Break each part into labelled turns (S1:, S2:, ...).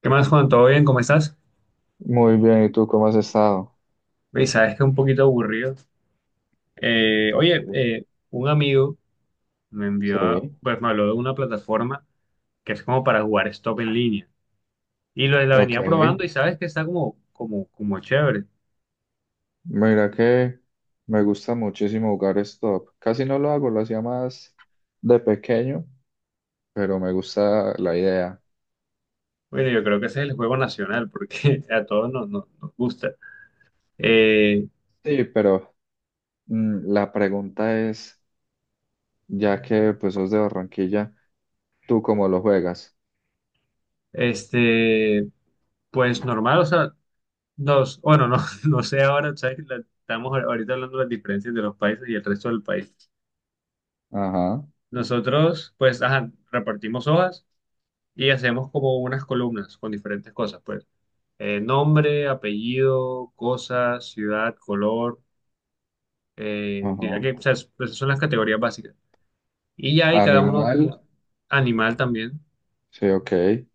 S1: ¿Qué más, Juan? ¿Todo bien? ¿Cómo estás?
S2: Muy bien, ¿y tú cómo has estado?
S1: Oye, sabes que es un poquito aburrido.
S2: Pues, sí,
S1: Oye, un amigo me
S2: sí,
S1: envió, pues me habló de una plataforma que es como para jugar stop en línea. Y la
S2: ok.
S1: venía probando y sabes que está como chévere.
S2: Mira que me gusta muchísimo jugar stop. Casi no lo hago, lo hacía más de pequeño, pero me gusta la idea.
S1: Bueno, yo creo que ese es el juego nacional porque a todos nos gusta. Eh,
S2: Sí, pero la pregunta es, ya que pues sos de Barranquilla, ¿tú cómo lo juegas?
S1: este, pues normal, o sea, dos, bueno, no, no sé ahora, ¿sabes? Estamos ahorita hablando de las diferencias de los países y el resto del país.
S2: Ajá,
S1: Nosotros, pues, ajá, repartimos hojas y hacemos como unas columnas con diferentes cosas, pues. Nombre, apellido, cosa, ciudad, color, diría
S2: ajá.
S1: que, o sea, pues, son las categorías básicas. Y ya hay cada ah, uno
S2: Animal,
S1: como animal también,
S2: sí, ok.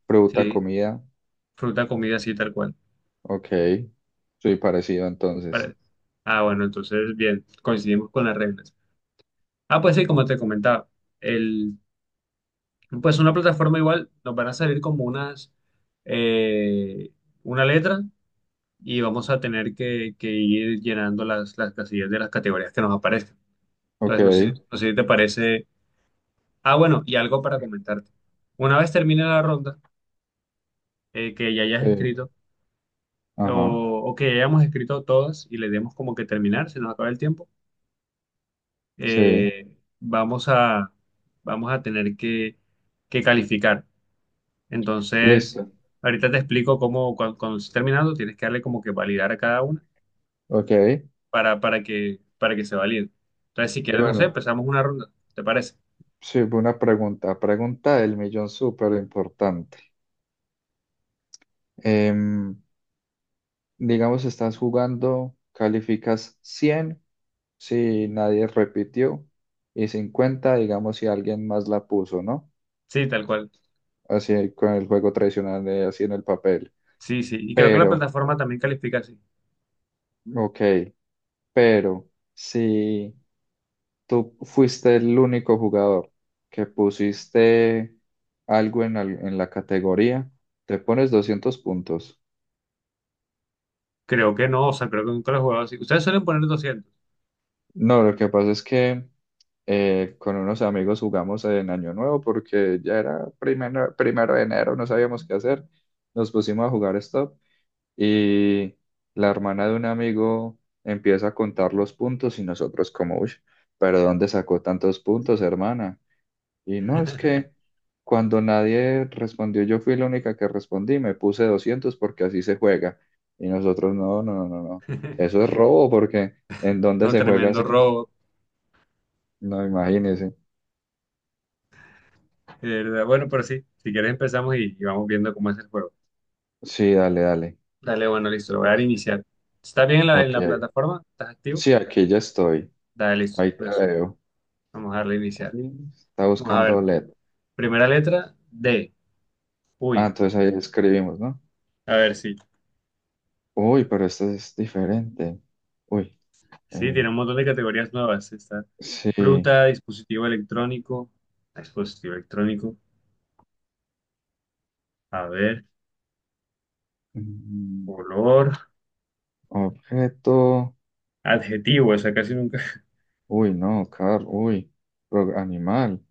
S2: Fruta,
S1: sí,
S2: comida,
S1: fruta, comida, así tal cual.
S2: ok. Soy parecido entonces.
S1: Pare- Ah, bueno, entonces, bien, coincidimos con las reglas. Ah, pues sí, como te comentaba, el, pues una plataforma igual nos van a salir como unas, eh, una letra. Y vamos a tener que ir llenando las casillas de las categorías que nos aparezcan.
S2: Ok,
S1: Entonces, no sé si te parece. Ah, bueno, y algo para comentarte. Una vez termine la ronda, que ya hayas
S2: sí,
S1: escrito
S2: ajá,
S1: o que hayamos escrito todas y le demos como que terminar, se nos acaba el tiempo,
S2: sí.
S1: eh, vamos a, vamos a tener que calificar. Entonces,
S2: Listo.
S1: ahorita te explico cómo, cuando estés terminando, tienes que darle como que validar a cada una
S2: Ok. Y
S1: para que se valide. Entonces, si quieres, no sé,
S2: bueno,
S1: empezamos una ronda, ¿te parece?
S2: sí, una pregunta. Pregunta del millón súper importante. Em, digamos, estás jugando, calificas 100 si nadie repitió y 50, digamos, si alguien más la puso, ¿no?
S1: Sí, tal cual.
S2: Así con el juego tradicional de así en el papel.
S1: Sí, sí. Y creo que la
S2: Pero,
S1: plataforma también califica así.
S2: ok, pero si tú fuiste el único jugador que pusiste algo en la categoría, te pones 200 puntos.
S1: Creo que no, o sea, creo que nunca lo he jugado así. Ustedes suelen poner 200.
S2: No, lo que pasa es que con unos amigos jugamos en Año Nuevo porque ya era primero de enero, no sabíamos qué hacer. Nos pusimos a jugar Stop y la hermana de un amigo empieza a contar los puntos y nosotros como, uy, pero ¿dónde sacó tantos puntos, hermana? Y no, es que cuando nadie respondió, yo fui la única que respondí, me puse 200 porque así se juega. Y nosotros, no, no, no, no, no. Eso es robo porque ¿en dónde
S1: No,
S2: se juega
S1: tremendo
S2: así?
S1: robo,
S2: No, imagínese.
S1: de verdad. Bueno, pero sí, si quieres empezamos y vamos viendo cómo es el juego.
S2: Sí, dale, dale.
S1: Dale, bueno, listo, lo voy a dar a
S2: Entonces,
S1: iniciar. ¿Estás bien en en
S2: ok.
S1: la plataforma? ¿Estás activo?
S2: Sí, aquí ya estoy.
S1: Dale, listo.
S2: Ahí te
S1: Entonces,
S2: veo.
S1: vamos a darle a iniciar.
S2: Ahí está
S1: Vamos a
S2: buscando
S1: ver.
S2: LED.
S1: Primera letra, D.
S2: Ah,
S1: Uy,
S2: entonces ahí escribimos, ¿no?
S1: a ver si.
S2: Uy, pero esto es diferente. Uy,
S1: Sí,
S2: eh,
S1: tiene un montón de categorías nuevas. Está
S2: sí.
S1: fruta, dispositivo electrónico, a ver,
S2: Mm,
S1: color,
S2: Objeto.
S1: adjetivo, esa casi nunca.
S2: Uy, no, Carl, uy, pero animal,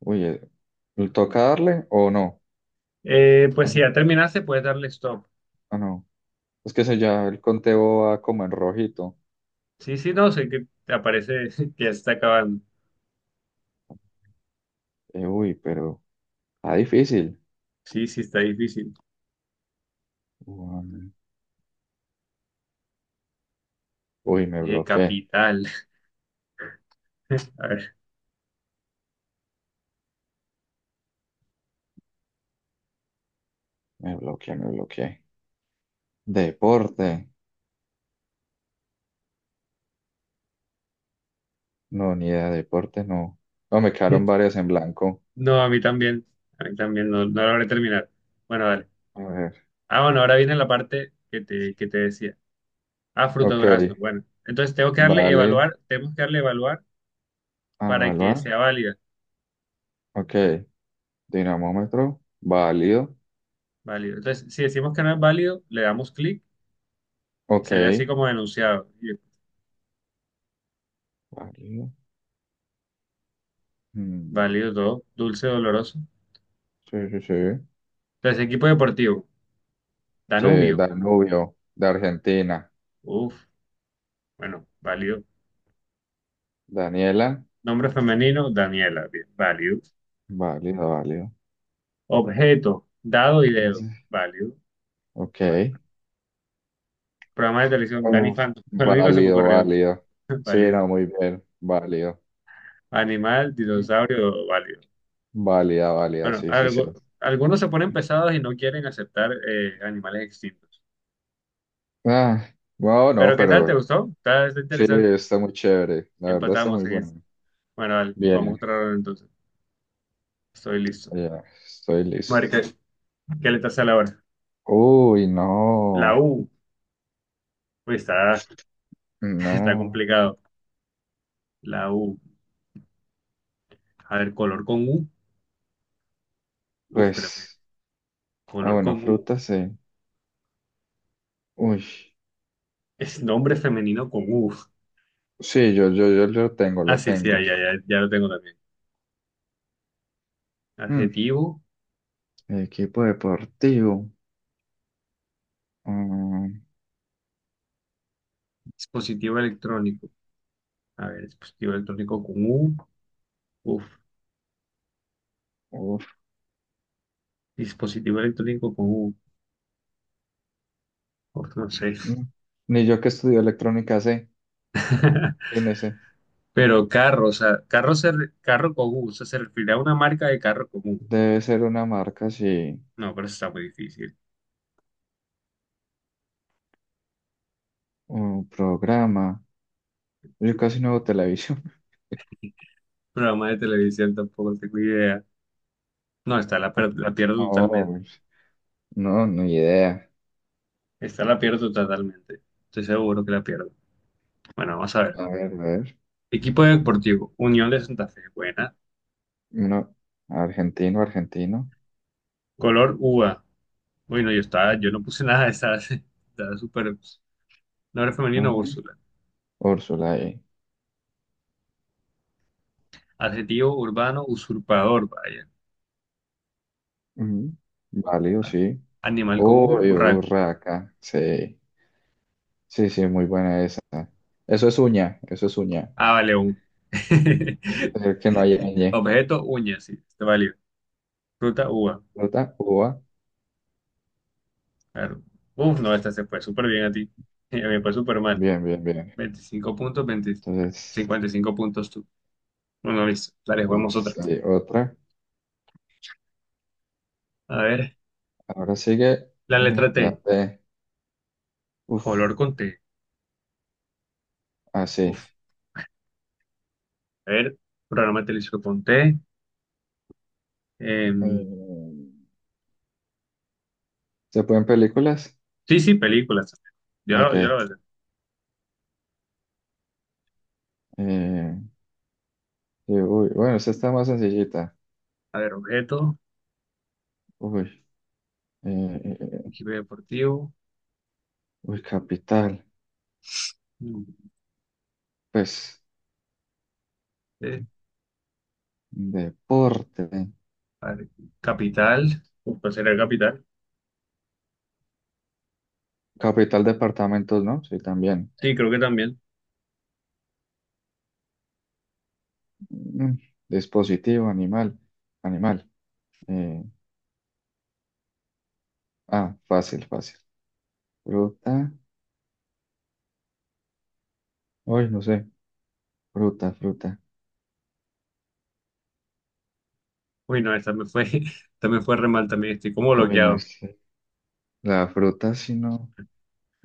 S2: uy, ¿toca darle o no?
S1: Pues
S2: Ah,
S1: si
S2: no,
S1: ya terminaste, puedes darle stop.
S2: ah, no. Es que se ya el conteo va como en rojito.
S1: Sí, sí, no, sé que te aparece que ya está acabando.
S2: Uy, pero está difícil.
S1: Sí, sí, está difícil.
S2: Uy, uy, me bloqueé,
S1: Capital. A ver.
S2: me bloqueé, me bloqueé. Deporte, no, ni idea de deporte, no. No, me quedaron varias en blanco.
S1: No, a mí también. A mí también, no, no logré terminar. Bueno, dale.
S2: A ver,
S1: Ah, bueno, ahora viene la parte que te decía. Ah, fruta
S2: ok,
S1: durazno. Bueno, entonces tengo que darle
S2: vale,
S1: evaluar, tenemos que darle evaluar.
S2: a
S1: Para que
S2: evaluar,
S1: sea válida,
S2: ok, dinamómetro, válido,
S1: válido. Entonces, si decimos que no es válido, le damos clic y
S2: ok,
S1: sale así como denunciado. Y
S2: válido. Mm.
S1: válido todo, dulce, doloroso.
S2: Sí, sí, sí.
S1: Entonces, equipo deportivo,
S2: Sí,
S1: Danubio.
S2: Danubio, de Argentina.
S1: Uf, bueno, válido.
S2: Daniela,
S1: Nombre femenino, Daniela, bien, válido.
S2: válido, válido.
S1: Objeto, dado y
S2: No sé.
S1: dedo, válido.
S2: Ok.
S1: Válido. Programa de televisión, Danny
S2: Uf,
S1: Phantom, lo único que se me
S2: válido,
S1: ocurrió,
S2: válido. Sí,
S1: válido.
S2: no, muy bien, válido.
S1: Animal, dinosaurio, válido.
S2: Válida, válida,
S1: Bueno,
S2: sí, sí, sí.
S1: algo, algunos se ponen pesados y no quieren aceptar animales extintos.
S2: Ah, wow, no,
S1: Pero ¿qué tal? ¿Te
S2: pero
S1: gustó? Está, está
S2: sí,
S1: interesante.
S2: está muy chévere. La verdad está
S1: Empatamos
S2: muy
S1: en eso.
S2: bueno.
S1: Bueno, vale, vamos a
S2: Bien,
S1: otra ronda entonces. Estoy listo.
S2: ya, estoy listo.
S1: Marica, ¿qué letra sale ahora?
S2: Uy,
S1: La
S2: no,
S1: U. Uy, está, está
S2: no.
S1: complicado. La U. A ver, color con U. Uf, creo que.
S2: Pues, ah,
S1: Color
S2: bueno,
S1: con U.
S2: fruta, sí. Uy,
S1: Es nombre femenino con U.
S2: sí, yo lo tengo,
S1: Ah,
S2: lo
S1: sí, sí, ya,
S2: tengo.
S1: ya, ya, ya lo tengo también.
S2: Mm,
S1: Adjetivo,
S2: Equipo deportivo. Mm,
S1: dispositivo electrónico. A ver, dispositivo electrónico con U. Uf,
S2: uf,
S1: dispositivo electrónico con U. Uf, no sé.
S2: mm. Ni yo que estudio electrónica sé. En ese
S1: Pero carro, o sea, carro, carro con U. O sea, se refiere a una marca de carro común.
S2: debe ser una marca, sí.
S1: No, pero eso está muy difícil.
S2: Un programa. Yo casi no veo televisión.
S1: Programa de televisión tampoco tengo idea. No, está
S2: Ah,
S1: la pierdo
S2: no,
S1: totalmente.
S2: pues, no, ni idea.
S1: Está la pierdo totalmente. Estoy seguro que la pierdo. Bueno, vamos a ver.
S2: A ver, a ver.
S1: Equipo deportivo, Unión de Santa Fe, buena.
S2: No. Argentino, argentino.
S1: Color uva. Bueno, yo estaba, yo
S2: Mm,
S1: no puse nada de esa. Estaba súper. Nombre
S2: a
S1: femenino,
S2: ver.
S1: Úrsula.
S2: Úrsula ahí.
S1: Adjetivo urbano, usurpador, vaya.
S2: Mm, Válido, sí.
S1: Animal con U,
S2: Uy,
S1: urraca.
S2: burraca. Sí. Sí, sí, muy buena esa. Eso es uña, eso es uña.
S1: Ah, vale, un.
S2: Que no haya ñ.
S1: Objeto, uña, sí, está válido. Fruta, uva.
S2: Fruta, uva.
S1: Claro. Uf, no, esta se fue súper bien a ti. A mí me fue súper mal.
S2: Bien, bien, bien.
S1: 25 puntos, 20,
S2: Entonces,
S1: 55 puntos tú. Bueno, listo. Dale, juguemos
S2: pues,
S1: otra.
S2: hay otra.
S1: A ver,
S2: Ahora sigue
S1: la letra
S2: la
S1: T.
S2: T. Uf,
S1: Color con T.
S2: así.
S1: Uf. A ver, programa televisivo con T. Em,
S2: Mm, ¿Se pueden películas?
S1: sí, sí, películas. Yo lo
S2: Ok.
S1: voy a hacer.
S2: Eh, y, uy, bueno, esta está más sencillita.
S1: A ver, objeto,
S2: Uy, eh, eh, eh,
S1: equipo deportivo.
S2: uy, capital.
S1: Mm,
S2: Pues,
S1: eh,
S2: deporte.
S1: a ver, capital. Uf, ¿cuál será el capital?
S2: Capital, departamentos, ¿no? Sí, también.
S1: Sí, creo que también.
S2: Mm, Dispositivo, animal. Animal. Eh, ah, fácil, fácil. Fruta. Uy, no sé, fruta, fruta.
S1: Uy, no, esta me fue, esta me fue re mal también. Estoy como
S2: Uy, no
S1: bloqueado.
S2: sé. La fruta, si no.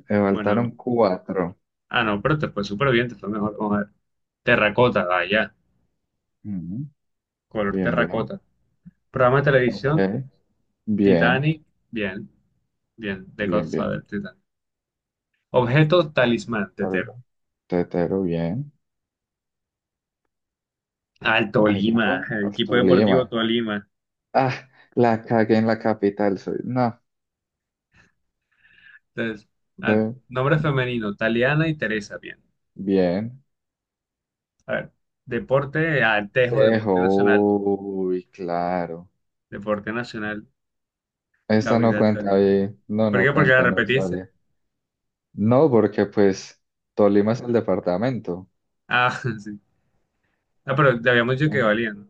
S2: Me faltaron
S1: Bueno,
S2: cuatro.
S1: ah, no, pero te fue súper bien, te fue mejor. Vamos a ver. Terracota, vaya.
S2: Ujú,
S1: Color
S2: bien, bien.
S1: terracota. Programa de
S2: Ok.
S1: televisión,
S2: Bien,
S1: Titanic. Bien, bien. The
S2: bien,
S1: Godfather,
S2: bien.
S1: Titanic. Objeto, talismán,
S2: Tor-
S1: tetero.
S2: Tetero, bien.
S1: Al Tolima,
S2: Equipo,
S1: el equipo deportivo
S2: Tolima.
S1: Tolima.
S2: Ah, la cagué en la capital. Soy. No.
S1: Entonces, ah,
S2: de-
S1: nombre femenino, Taliana y Teresa, bien.
S2: Bien.
S1: A ver, deporte, Altejo,
S2: Tejo.
S1: deporte nacional.
S2: Uy, claro.
S1: Deporte nacional,
S2: Esta no
S1: capital
S2: cuenta
S1: Tolima.
S2: bien. No,
S1: ¿Por
S2: no
S1: qué? Porque la
S2: cuenta, no es
S1: repetiste.
S2: válida. No, porque pues Tolima es el departamento.
S1: Ah, sí. Ah, pero te habíamos dicho que
S2: Eh,
S1: valía, ¿no?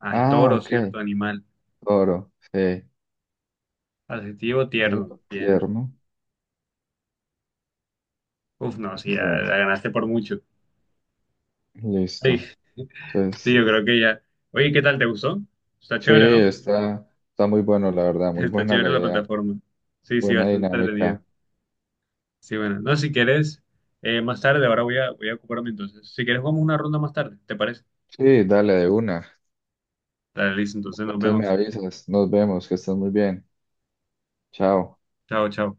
S1: Ay,
S2: Ah,
S1: toro,
S2: ok.
S1: cierto, animal.
S2: Oro, sí.
S1: Adjetivo tierno.
S2: Digo,
S1: Bien.
S2: tierno.
S1: Uf, no, sí, ya
S2: Bien,
S1: la ganaste por mucho. Sí,
S2: listo.
S1: sí,
S2: Entonces,
S1: yo creo que ya. Oye, ¿qué tal? ¿Te gustó? Está
S2: sí,
S1: chévere, ¿no?
S2: está, está muy bueno, la verdad, muy
S1: Está
S2: buena la
S1: chévere la
S2: idea,
S1: plataforma. Sí, sí,
S2: buena
S1: bastante entretenida.
S2: dinámica.
S1: Sí, bueno. No, si quieres, más tarde, ahora voy a, voy a ocuparme entonces. Si quieres, vamos una ronda más tarde, ¿te parece?
S2: Sí, dale de una.
S1: Dale, listo, entonces nos
S2: Entonces me
S1: vemos.
S2: avisas, nos vemos, que estés muy bien. Chao.
S1: Chao, chao.